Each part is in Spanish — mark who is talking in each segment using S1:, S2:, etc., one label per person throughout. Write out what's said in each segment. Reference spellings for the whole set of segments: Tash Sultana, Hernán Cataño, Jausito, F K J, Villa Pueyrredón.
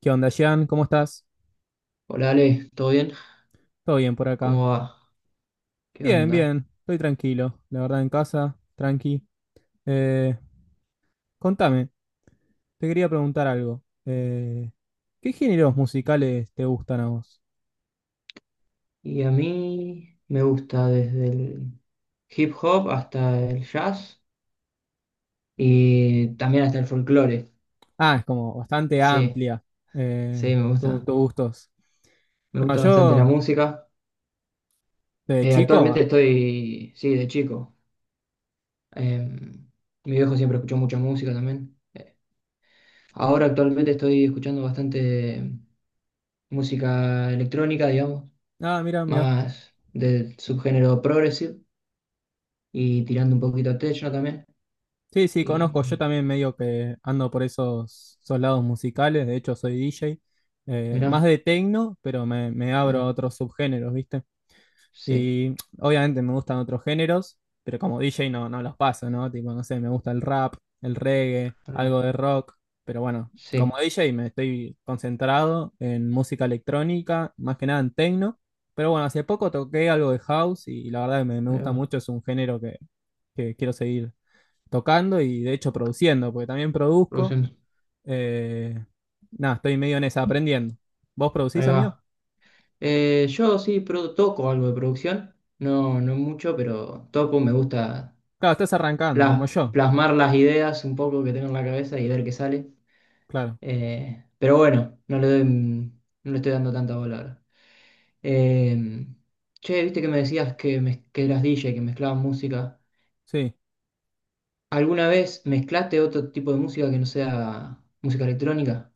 S1: ¿Qué onda, Jean? ¿Cómo estás?
S2: Hola Ale, ¿todo bien?
S1: ¿Todo bien por acá?
S2: ¿Cómo va? ¿Qué
S1: Bien,
S2: onda?
S1: bien. Estoy tranquilo. La verdad, en casa, tranqui. Eh, Contame, te quería preguntar algo. ¿Qué géneros musicales te gustan a vos?
S2: Y a mí me gusta desde el hip hop hasta el jazz y también hasta el folclore.
S1: Ah, es como bastante
S2: Sí,
S1: amplia,
S2: sí, me
S1: tu-
S2: gusta.
S1: tus gustos.
S2: Me
S1: No,
S2: gusta bastante la
S1: yo,
S2: música.
S1: de
S2: Actualmente
S1: chico.
S2: estoy, sí, de chico. Em, mi viejo siempre escuchó mucha música también. Ahora actualmente estoy escuchando bastante música electrónica, digamos,
S1: Ah, mira, mira.
S2: más del subgénero progressive y tirando un poquito a techno también.
S1: Sí, sí,
S2: Y
S1: conozco. Yo también medio que ando por esos lados musicales. De hecho, soy DJ. Más
S2: mirá.
S1: de techno, pero me abro a
S2: Bueno,
S1: otros subgéneros, ¿viste?
S2: sí,
S1: Y obviamente me gustan otros géneros, pero como DJ no los paso, ¿no? Tipo, no sé, me gusta el rap, el reggae,
S2: pará,
S1: algo de rock. Pero bueno, como
S2: sí,
S1: DJ me estoy concentrado en música electrónica, más que nada en techno. Pero bueno, hace poco toqué algo de house y la verdad que me
S2: ahí
S1: gusta
S2: va,
S1: mucho. Es un género que quiero seguir tocando y de hecho produciendo, porque también produzco.
S2: produciendo,
S1: Eh, Nada, estoy medio en esa, aprendiendo. ¿Vos producís,
S2: ahí
S1: amigo?
S2: va. Yo sí toco algo de producción, no, no mucho, pero toco, me gusta
S1: Claro, estás arrancando, como yo.
S2: plasmar las ideas un poco que tengo en la cabeza y ver qué sale.
S1: Claro,
S2: Pero bueno, no le doy, no le estoy dando tanta bola ahora. Eh, che, viste que me decías que, que eras DJ, que mezclabas música.
S1: sí.
S2: ¿Alguna vez mezclaste otro tipo de música que no sea música electrónica?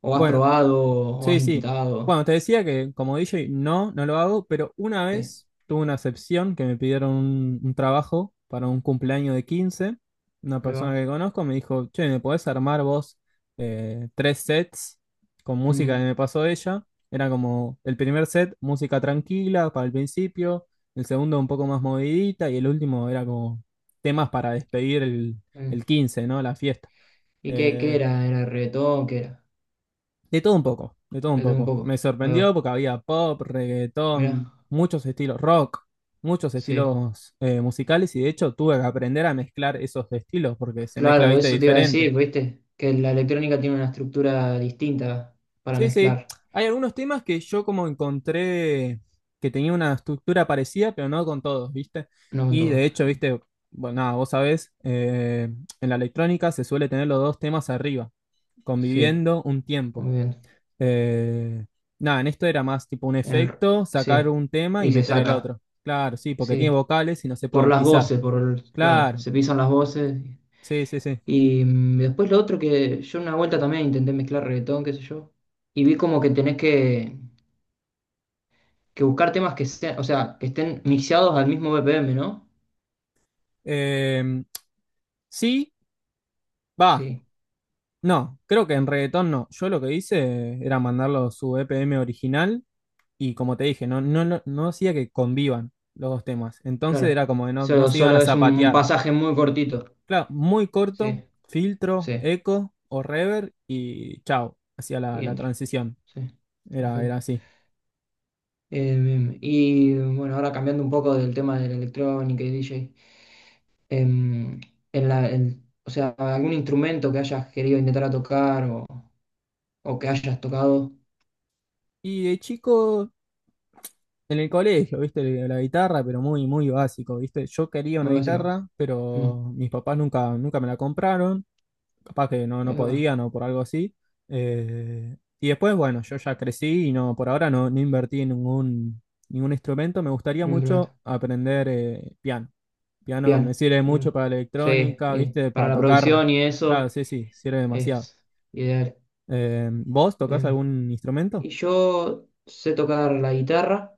S2: ¿O has
S1: Bueno,
S2: probado o has
S1: sí, sí.
S2: intentado?
S1: Bueno, te decía que como DJ no lo hago, pero una
S2: Sí,
S1: vez tuve una excepción que me pidieron un trabajo para un cumpleaños de quince. Una
S2: ahí
S1: persona
S2: va.
S1: que conozco me dijo, che, ¿me podés armar vos tres sets con música que
S2: Mm,
S1: me pasó ella? Era como el primer set, música tranquila para el principio, el segundo un poco más movidita y el último era como temas para despedir el,
S2: eh.
S1: el quince, ¿no? La fiesta.
S2: ¿Y qué
S1: Eh,
S2: era? ¿Era reggaetón? ¿Qué era?
S1: de todo un poco, de todo un
S2: Reggaetón un
S1: poco. Me
S2: poco. Ahí
S1: sorprendió
S2: va.
S1: porque había pop,
S2: Mirá.
S1: reggaetón, muchos estilos rock, muchos
S2: Sí.
S1: estilos musicales, y de hecho tuve que aprender a mezclar esos estilos porque se mezcla,
S2: Claro,
S1: viste,
S2: eso te iba a
S1: diferente.
S2: decir, ¿viste? Que la electrónica tiene una estructura distinta para
S1: Sí, sí.
S2: mezclar.
S1: Hay algunos temas que yo como encontré que tenía una estructura parecida, pero no con todos, viste.
S2: No con
S1: Y
S2: todo.
S1: de hecho, viste, bueno, nada, vos sabés, en la electrónica se suele tener los dos temas arriba,
S2: Sí,
S1: conviviendo un tiempo.
S2: muy bien.
S1: Eh, Nada, en esto era más tipo un
S2: El r-
S1: efecto,
S2: sí.
S1: sacar un tema y
S2: Y se
S1: meter el
S2: saca.
S1: otro. Claro, sí, porque tiene
S2: Sí.
S1: vocales y no se
S2: Por
S1: pueden
S2: las
S1: pisar.
S2: voces, claro,
S1: Claro,
S2: se pisan las voces.
S1: sí, sí, sí.
S2: Y después lo otro que yo una vuelta también intenté mezclar reggaetón, qué sé yo. Y vi como que tenés que buscar temas que sean, o sea, que estén mixeados al mismo BPM, ¿no?
S1: Eh, sí, va.
S2: Sí,
S1: No, creo que en reggaetón no. Yo lo que hice era mandarlo su EPM original y como te dije, no hacía que convivan los dos temas. Entonces
S2: claro.
S1: era como que no
S2: Solo,
S1: se iban
S2: solo
S1: a
S2: es un
S1: zapatear.
S2: pasaje muy cortito.
S1: Claro, muy
S2: Sí,
S1: corto, filtro,
S2: sí,
S1: eco o reverb y chao, hacía la,
S2: y
S1: la
S2: entra.
S1: transición.
S2: Sí,
S1: Era,
S2: perfecto.
S1: era así.
S2: Y bueno, ahora cambiando un poco del tema de la electrónica y DJ. em, o sea, algún instrumento que hayas querido intentar a tocar o que hayas tocado,
S1: Y de chico, en el colegio, viste, la guitarra, pero muy, muy básico, viste. Yo quería una
S2: muy básico.
S1: guitarra,
S2: Mm,
S1: pero mis papás nunca, nunca me la compraron. Capaz que no,
S2: ahí
S1: no
S2: va,
S1: podían o por algo así. Y después, bueno, yo ya crecí y no, por ahora no invertí en ningún instrumento. Me gustaría
S2: un instrumento.
S1: mucho aprender piano. Piano me
S2: Piano.
S1: sirve
S2: Mm.
S1: mucho para la
S2: Sí,
S1: electrónica,
S2: y
S1: viste,
S2: para
S1: para
S2: la
S1: tocar.
S2: producción y
S1: Claro,
S2: eso
S1: sí, sí, sirve demasiado.
S2: es ideal.
S1: ¿Vos tocás
S2: Eh,
S1: algún instrumento?
S2: y yo sé tocar la guitarra,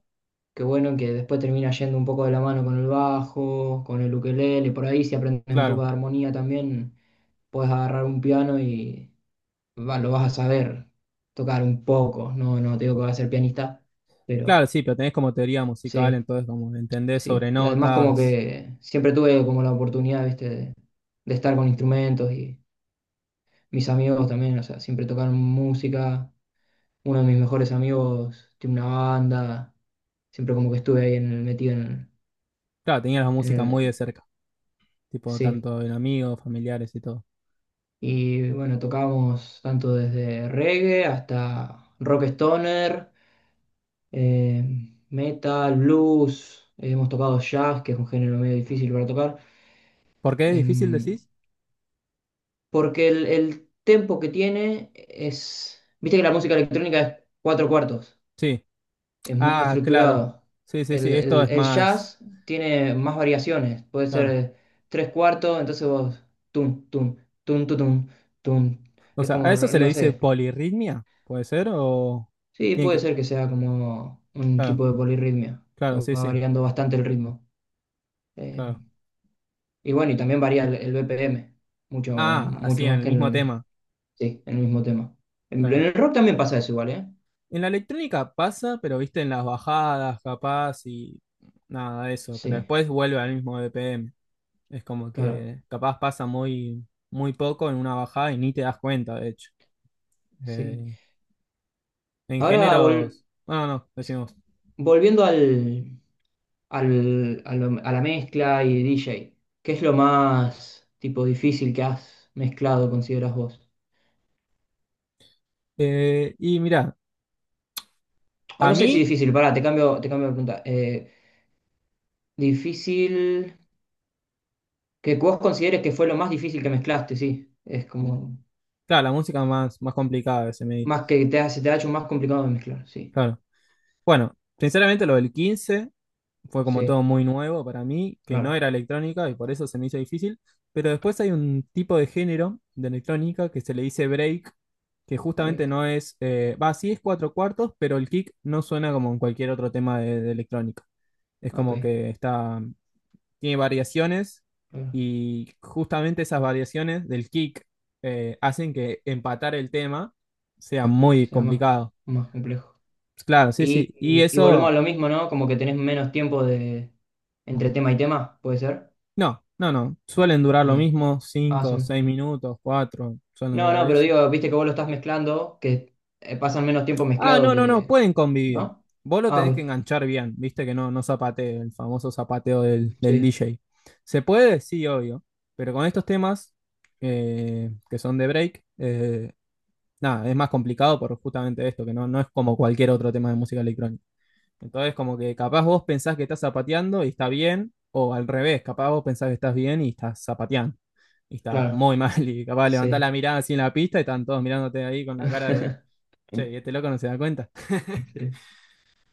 S2: que bueno, que después termina yendo un poco de la mano con el bajo, con el ukelele, por ahí si aprendes un poco
S1: Claro.
S2: de armonía también, puedes agarrar un piano y lo vas a saber tocar un poco. No, no te digo que vas a ser pianista,
S1: Claro,
S2: pero
S1: sí, pero tenés como teoría musical,
S2: sí,
S1: entonces como entendés sobre
S2: sí. Y además como
S1: notas.
S2: que siempre tuve como la oportunidad, viste, de estar con instrumentos y mis amigos también, o sea, siempre tocaron música. Uno de mis mejores amigos tiene una banda. Siempre como que estuve ahí en el, metido en
S1: Claro, tenías la
S2: el, en
S1: música muy de
S2: el-
S1: cerca, tipo
S2: Sí.
S1: tanto en amigos, familiares y todo.
S2: Y bueno, tocamos tanto desde reggae hasta rock stoner, eh, metal, blues. Hemos tocado jazz, que es un género medio difícil para tocar.
S1: ¿Por qué es difícil
S2: Em,
S1: decís?
S2: porque el tempo que tiene es. Viste que la música electrónica es cuatro cuartos,
S1: Sí.
S2: es muy
S1: Ah, claro.
S2: estructurado.
S1: Sí, sí, sí,
S2: El,
S1: esto
S2: el-
S1: es
S2: el
S1: más,
S2: jazz tiene más variaciones, puede
S1: claro.
S2: ser tres cuartos, entonces vos. Tum, tum, tum, tum, tum, tum.
S1: O
S2: Es
S1: sea,
S2: como,
S1: ¿a eso se le
S2: no
S1: dice
S2: sé.
S1: polirritmia? ¿Puede ser? ¿O
S2: Sí,
S1: tiene
S2: puede
S1: que?
S2: ser que sea como un
S1: Claro,
S2: tipo de polirritmia, que
S1: claro, sí,
S2: va
S1: sí,
S2: variando bastante el ritmo. Eh,
S1: claro.
S2: Y bueno, y también varía el BPM, mucho,
S1: Ah, así
S2: mucho
S1: en
S2: más
S1: el
S2: que en
S1: mismo
S2: el,
S1: tema,
S2: sí, en el mismo tema. En
S1: claro.
S2: el rock también pasa eso igual, ¿eh?
S1: En la electrónica pasa, pero viste en las bajadas, capaz, y nada de eso, pero
S2: Sí,
S1: después vuelve al mismo BPM. Es como
S2: claro,
S1: que capaz pasa muy, muy poco en una bajada y ni te das cuenta, de hecho.
S2: sí.
S1: Eh, en
S2: Ahora,
S1: géneros, bueno, no, decimos.
S2: volviendo a la mezcla y DJ, ¿qué es lo más tipo difícil que has mezclado, consideras vos?
S1: Y mira,
S2: O
S1: a
S2: no sé si
S1: mí,
S2: difícil, pará, te cambio de pregunta. Difícil, que vos consideres que fue lo más difícil que mezclaste, sí. Es como...
S1: claro, la música más, más complicada que se me dice.
S2: Más que te, hace te ha hecho más complicado de mezclar, sí,
S1: Claro. Bueno, sinceramente lo del 15 fue como
S2: sí,
S1: todo muy nuevo para mí, que no
S2: claro.
S1: era electrónica y por eso se me hizo difícil. Pero después hay un tipo de género de electrónica que se le dice break, que justamente
S2: Break,
S1: no es, va, sí es cuatro cuartos, pero el kick no suena como en cualquier otro tema de electrónica. Es
S2: ok,
S1: como que está, tiene variaciones,
S2: claro.
S1: y justamente esas variaciones del kick hacen que empatar el tema sea
S2: O
S1: muy
S2: sea, más,
S1: complicado.
S2: más complejo.
S1: Claro, sí,
S2: Y,
S1: sí. Y
S2: y, y volvemos a
S1: eso.
S2: lo mismo, ¿no? Como que tenés menos tiempo de entre tema y tema, ¿puede ser?
S1: No, no, no. Suelen durar
S2: Ok.
S1: lo mismo,
S2: Ah,
S1: 5,
S2: sí.
S1: 6 minutos, 4, suelen
S2: No,
S1: durar
S2: no, pero
S1: eso.
S2: digo, viste que vos lo estás mezclando, que pasan menos tiempo
S1: Ah,
S2: mezclado
S1: no, no, no,
S2: que,
S1: pueden convivir.
S2: ¿no?
S1: Vos lo
S2: Ah,
S1: tenés que
S2: ok.
S1: enganchar bien, viste que no zapatee, el famoso zapateo del
S2: Sí,
S1: DJ. ¿Se puede? Sí, obvio. Pero con estos temas que son de break, nada, es más complicado por justamente esto, que no es como cualquier otro tema de música electrónica. Entonces, como que capaz vos pensás que estás zapateando y está bien, o al revés, capaz vos pensás que estás bien y estás zapateando. Y estás
S2: claro,
S1: muy mal, y capaz levantás la
S2: sí.
S1: mirada así en la pista y están todos mirándote ahí con la cara de, che, ¿y este loco no se da cuenta?
S2: Sí.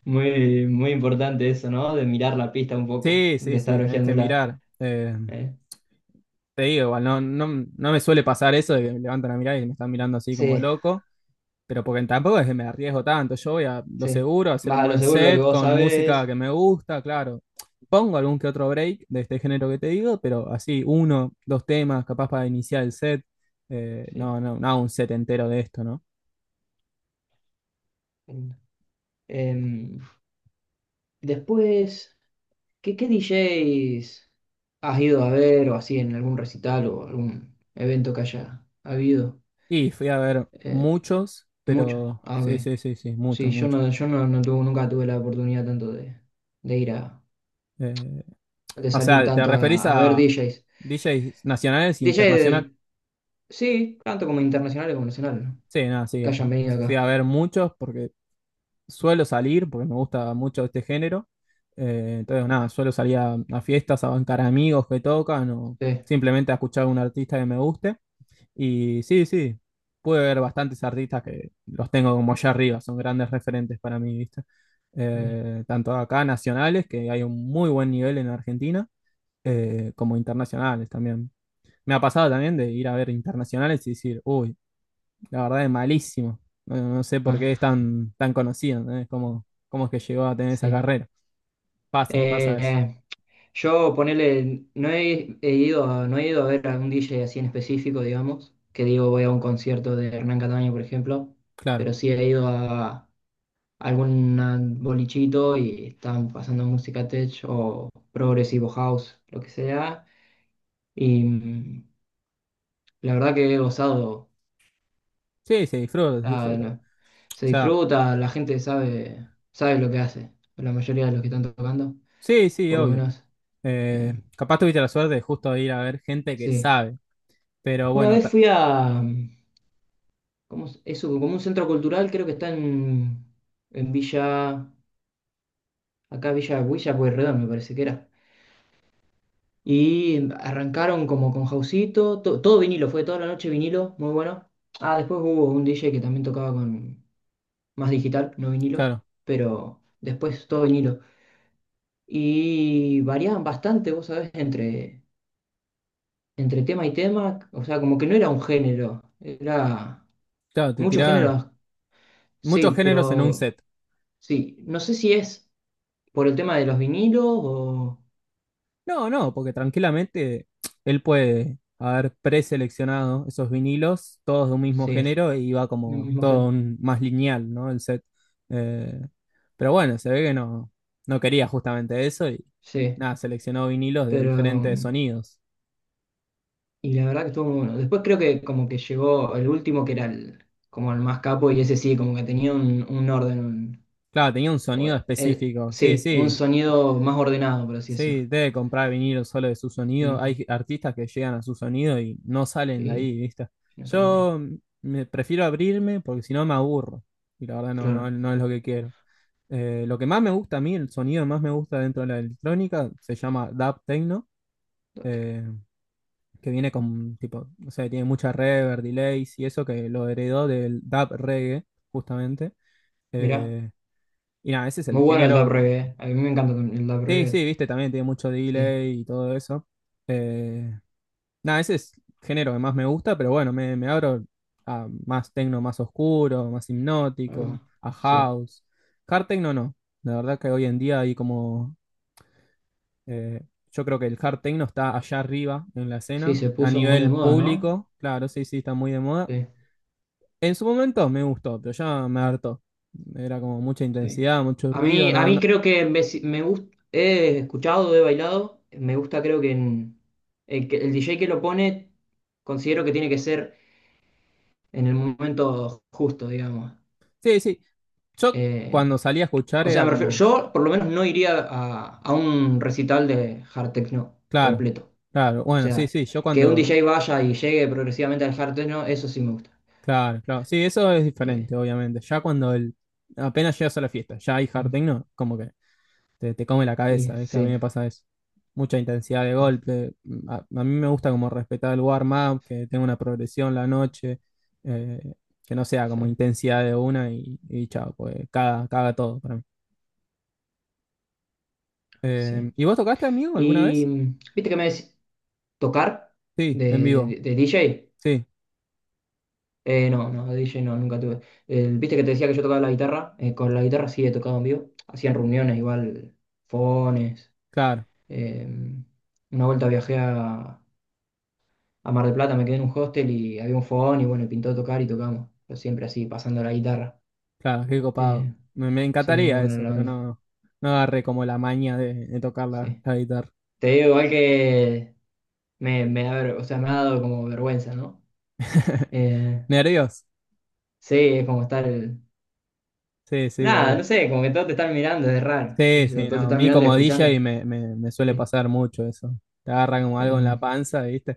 S2: Muy, muy importante eso, ¿no? De mirar la pista un poco,
S1: Sí,
S2: de
S1: sí,
S2: estar
S1: sí, tenés que
S2: hojeándola,
S1: mirar.
S2: ¿eh?
S1: Te digo, igual, no me suele pasar eso de que levantan la mirada y me están mirando así como de
S2: Sí,
S1: loco. Pero porque tampoco es que me arriesgo tanto. Yo voy a lo
S2: sí,
S1: seguro, a hacer un
S2: vas a lo
S1: buen
S2: seguro lo que
S1: set
S2: vos
S1: con música
S2: sabés.
S1: que me gusta, claro. Pongo algún que otro break de este género que te digo, pero así, uno, dos temas, capaz para iniciar el set.
S2: Sí,
S1: No, no, no, un set entero de esto, ¿no?
S2: entiendo. Em, después, ¿qué DJs has ido a ver o así en algún recital o algún evento que haya habido?
S1: Y fui a ver
S2: Eh,
S1: muchos,
S2: muchos.
S1: pero
S2: Ah,
S1: sí,
S2: ok.
S1: sí, sí, sí, muchos,
S2: Sí, yo
S1: muchos.
S2: no, yo no, nunca tuve la oportunidad tanto de ir a,
S1: Eh,
S2: de
S1: o
S2: salir
S1: sea, ¿te
S2: tanto
S1: referís
S2: a ver
S1: a
S2: DJs.
S1: DJs nacionales e
S2: DJs,
S1: internacionales?
S2: sí, tanto como internacionales como nacionales, ¿no?
S1: Sí, nada, sí.
S2: Que hayan venido acá.
S1: Fui a ver muchos porque suelo salir porque me gusta mucho este género. Entonces, nada, suelo salir a fiestas, a bancar amigos que tocan o
S2: Sí,
S1: simplemente a escuchar a un artista que me guste. Y sí, sí, pude ver bastantes artistas que los tengo como allá arriba, son grandes referentes para mí, ¿viste?
S2: bien.
S1: Tanto acá nacionales, que hay un muy buen nivel en Argentina, como internacionales también. Me ha pasado también de ir a ver internacionales y decir, uy, la verdad es malísimo. No, no sé por qué es
S2: Ah,
S1: tan, tan conocido, ¿entendés? ¿Cómo es que llegó a tener esa
S2: sí.
S1: carrera? Pasa, pasa eso.
S2: Eh, Yo ponele, no he, he ido a, no he ido a ver a un DJ así en específico, digamos, que digo voy a un concierto de Hernán Cataño, por ejemplo,
S1: Claro.
S2: pero sí he ido a algún bolichito y están pasando música tech o progresivo house, lo que sea, y la verdad que he gozado,
S1: Sí, se disfruta, se disfruta.
S2: no,
S1: O
S2: se
S1: sea,
S2: disfruta, la gente sabe, lo que hace, la mayoría de los que están tocando,
S1: sí, sí,
S2: por lo
S1: obvio.
S2: menos, eh,
S1: Capaz tuviste la suerte de justo de ir a ver gente que
S2: sí.
S1: sabe. Pero
S2: Una
S1: bueno,
S2: vez fui a... ¿Cómo es eso? Como un centro cultural, creo que está en Villa, acá Villa Pueyrredón, me parece que era. Y arrancaron como con Jausito, todo vinilo, fue toda la noche vinilo, muy bueno. Ah, después hubo un DJ que también tocaba con más digital, no vinilo,
S1: claro,
S2: pero después todo vinilo. Y variaban bastante, vos sabés, entre tema y tema, o sea, como que no era un género, era
S1: claro, te
S2: muchos
S1: tiraban
S2: géneros,
S1: muchos
S2: sí,
S1: géneros en un
S2: pero
S1: set.
S2: sí, no sé si es. Por el tema de los vinilos o...
S1: No, no, porque tranquilamente él puede haber preseleccionado esos vinilos, todos de un mismo
S2: Sí,
S1: género, y va
S2: mi
S1: como
S2: mi mujer.
S1: todo más lineal, ¿no? El set. Eh, pero bueno, se ve que no, no quería justamente eso y
S2: Sí,
S1: nada, seleccionó vinilos de
S2: pero...
S1: diferentes sonidos.
S2: Y la verdad que estuvo muy bueno. Después creo que como que llegó el último que era el, como el más capo y ese sí, como que tenía un orden.
S1: Claro, tenía un
S2: O
S1: sonido
S2: el,
S1: específico, sí,
S2: sí, un
S1: sí.
S2: sonido más ordenado, por así
S1: Sí,
S2: decirlo.
S1: debe comprar vinilo solo de su sonido.
S2: Mm,
S1: Hay artistas que llegan a su sonido y no salen de
S2: Y
S1: ahí, ¿viste?
S2: no sé dónde.
S1: Yo me prefiero abrirme porque si no me aburro. Y la verdad no, no,
S2: Claro.
S1: no es lo que quiero. Lo que más me gusta a mí, el sonido que más me gusta dentro de la electrónica, se llama dub techno, eh, que viene con tipo, o sea, tiene mucha reverb, delays y eso que lo heredó del dub reggae, justamente.
S2: Mirá,
S1: Eh, y nada, ese es el
S2: muy bueno el dub
S1: género.
S2: reggae. A mí me encanta el dub
S1: Sí,
S2: reggae.
S1: sí, viste, también tiene mucho
S2: Sí,
S1: delay y todo eso. Eh, Nada, ese es el género que más me gusta, pero bueno, me abro a más techno más oscuro, más
S2: ahí
S1: hipnótico,
S2: va.
S1: a
S2: Sí,
S1: house. Hard techno no. La verdad que hoy en día hay como. eh, yo creo que el hard techno está allá arriba en la
S2: sí,
S1: escena.
S2: se
S1: A
S2: puso muy de
S1: nivel
S2: moda, ¿no?
S1: público, claro, sí, sí, está muy de moda.
S2: Sí.
S1: En su momento me gustó, pero ya me hartó. Era como mucha
S2: Sí.
S1: intensidad, mucho ruido,
S2: A
S1: no,
S2: mí
S1: no.
S2: creo que me, si, he escuchado, he bailado, me gusta creo que, el DJ que lo pone, considero que tiene que ser en el momento justo, digamos.
S1: Sí, sí. Yo
S2: Eh,
S1: cuando salí a escuchar
S2: o sea,
S1: era
S2: me refiero,
S1: como.
S2: yo por lo menos no iría a un recital de hard techno
S1: Claro,
S2: completo.
S1: claro.
S2: O
S1: Bueno, sí,
S2: sea,
S1: sí. Yo
S2: que un
S1: cuando.
S2: DJ vaya y llegue progresivamente al hard techno, eso sí me gusta.
S1: Claro, claro. Sí, eso es
S2: Eh,
S1: diferente, obviamente. Ya cuando el, apenas llegas a la fiesta, ya hay hard
S2: mm,
S1: techno, como que te come la
S2: y
S1: cabeza, ¿viste? A mí
S2: sí,
S1: me pasa eso. Mucha intensidad de golpe. A mí me gusta como respetar el warm-up, que tenga una progresión la noche, eh, que no sea
S2: sí,
S1: como intensidad de una y chao, pues caga, caga todo para mí.
S2: sí.
S1: ¿Y vos tocaste, amigo, alguna
S2: Y
S1: vez?
S2: viste que me decís, tocar
S1: Sí, en vivo.
S2: de DJ.
S1: Sí,
S2: No, no, de DJ no, nunca tuve. Viste que te decía que yo tocaba la guitarra. Con la guitarra sí he tocado en vivo. Hacían reuniones igual, fones.
S1: claro,
S2: eh, una vuelta viajé a Mar del Plata, me quedé en un hostel y había un fogón y bueno, pintó tocar y tocamos. Pero siempre así, pasando la guitarra.
S1: claro, qué copado.
S2: Eh,
S1: Me
S2: sí, muy
S1: encantaría
S2: buena
S1: eso,
S2: la
S1: pero
S2: onda.
S1: no, no agarré como la maña de tocar la
S2: Sí.
S1: la guitarra.
S2: Te digo igual que me da o sea, me ha dado como vergüenza, ¿no? Eh,
S1: Nervios.
S2: sí, es como estar...
S1: Sí, sí,
S2: Nada,
S1: obvio.
S2: no sé, como que todos te están mirando, es raro. ¿Qué
S1: Sí,
S2: sé yo?
S1: sí,
S2: Todos te
S1: no. A
S2: están
S1: mí
S2: mirando y
S1: como DJ
S2: escuchando.
S1: me suele
S2: Sí,
S1: pasar mucho eso. Te agarra como algo en la
S2: em,
S1: panza, ¿viste?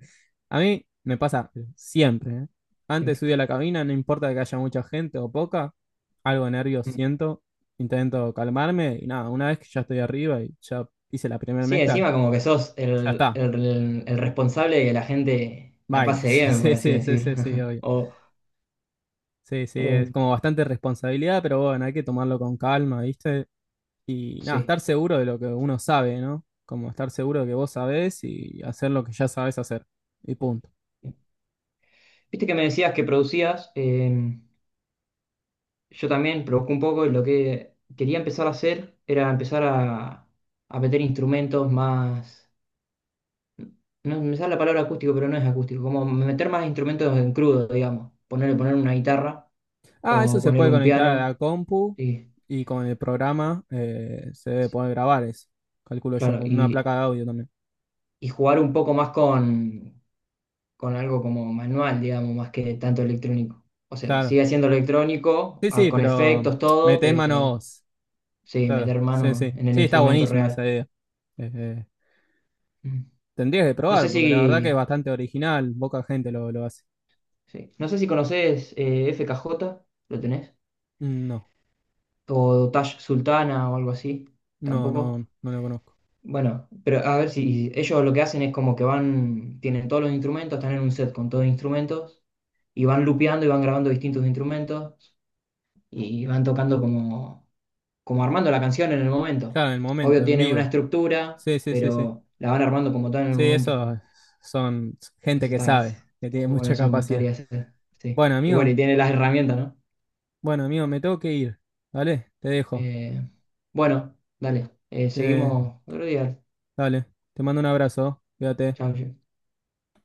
S1: A mí me pasa siempre, ¿eh? Antes de
S2: siempre.
S1: subir a la cabina, no importa que haya mucha gente o poca, algo de nervios
S2: Mm.
S1: siento, intento calmarme y nada, una vez que ya estoy arriba y ya hice la primera
S2: Sí,
S1: mezcla,
S2: encima como que sos
S1: ya
S2: el,
S1: está,
S2: el- el responsable de que la gente la pase
S1: bailes.
S2: bien, por
S1: Sí,
S2: así
S1: sí, sí,
S2: decirlo.
S1: sí, sí, obvio.
S2: O,
S1: Sí, sí, es
S2: em,
S1: como bastante responsabilidad, pero bueno, hay que tomarlo con calma, ¿viste? Y nada,
S2: sí.
S1: estar seguro de lo que uno sabe, ¿no? Como estar seguro de que vos sabés y hacer lo que ya sabés hacer. Y punto.
S2: Viste que me decías que producías, yo también provoco un poco y lo que quería empezar a hacer era empezar a meter instrumentos más... No me sale la palabra acústico, pero no es acústico, como meter más instrumentos en crudo, digamos. Poner una guitarra.
S1: Ah, eso
S2: O
S1: se
S2: poner
S1: puede
S2: un
S1: conectar a
S2: piano,
S1: la compu
S2: sí,
S1: y con el programa se debe poder grabar eso. Calculo yo,
S2: claro,
S1: con una
S2: y,
S1: placa de audio también.
S2: y jugar un poco más con algo como manual, digamos, más que tanto electrónico. O sea,
S1: Claro.
S2: sigue siendo electrónico,
S1: Sí, sí,
S2: con
S1: pero
S2: efectos, todo,
S1: metés mano
S2: pero
S1: vos.
S2: sí,
S1: Claro.
S2: meter
S1: Sí,
S2: mano
S1: sí.
S2: en el
S1: Sí, está
S2: instrumento
S1: buenísimo esa
S2: real.
S1: idea. Eh, eh,
S2: Mm.
S1: Tendrías que
S2: No sé
S1: probar,
S2: si,
S1: porque la verdad que es bastante original. Poca gente lo hace.
S2: sí, no sé si conoces FKJ, ¿lo tenés?
S1: Mm, no,
S2: O Tash Sultana o algo así,
S1: no,
S2: tampoco.
S1: no, no lo conozco.
S2: Bueno, pero a ver si ellos lo que hacen es como que van, tienen todos los instrumentos, están en un set con todos los instrumentos y van lupeando y van grabando distintos instrumentos y van tocando como armando la canción en el momento.
S1: Claro, en el
S2: Obvio
S1: momento, en
S2: tienen una
S1: vivo.
S2: estructura,
S1: Sí, sí, sí, sí.
S2: pero la van armando como tal en el
S1: Sí,
S2: momento.
S1: eso son gente
S2: Eso
S1: que
S2: está
S1: sabe, que tiene
S2: muy bueno,
S1: mucha
S2: eso me
S1: capacidad.
S2: gustaría hacer. Sí.
S1: Bueno,
S2: Y bueno,
S1: amigo,
S2: y tiene las herramientas, ¿no?
S1: bueno, amigo, me tengo que ir, ¿vale? Te dejo.
S2: Eh, bueno, dale,
S1: Te,
S2: seguimos otro día.
S1: Dale, te mando un abrazo, ¿oh? Cuídate.
S2: Chao,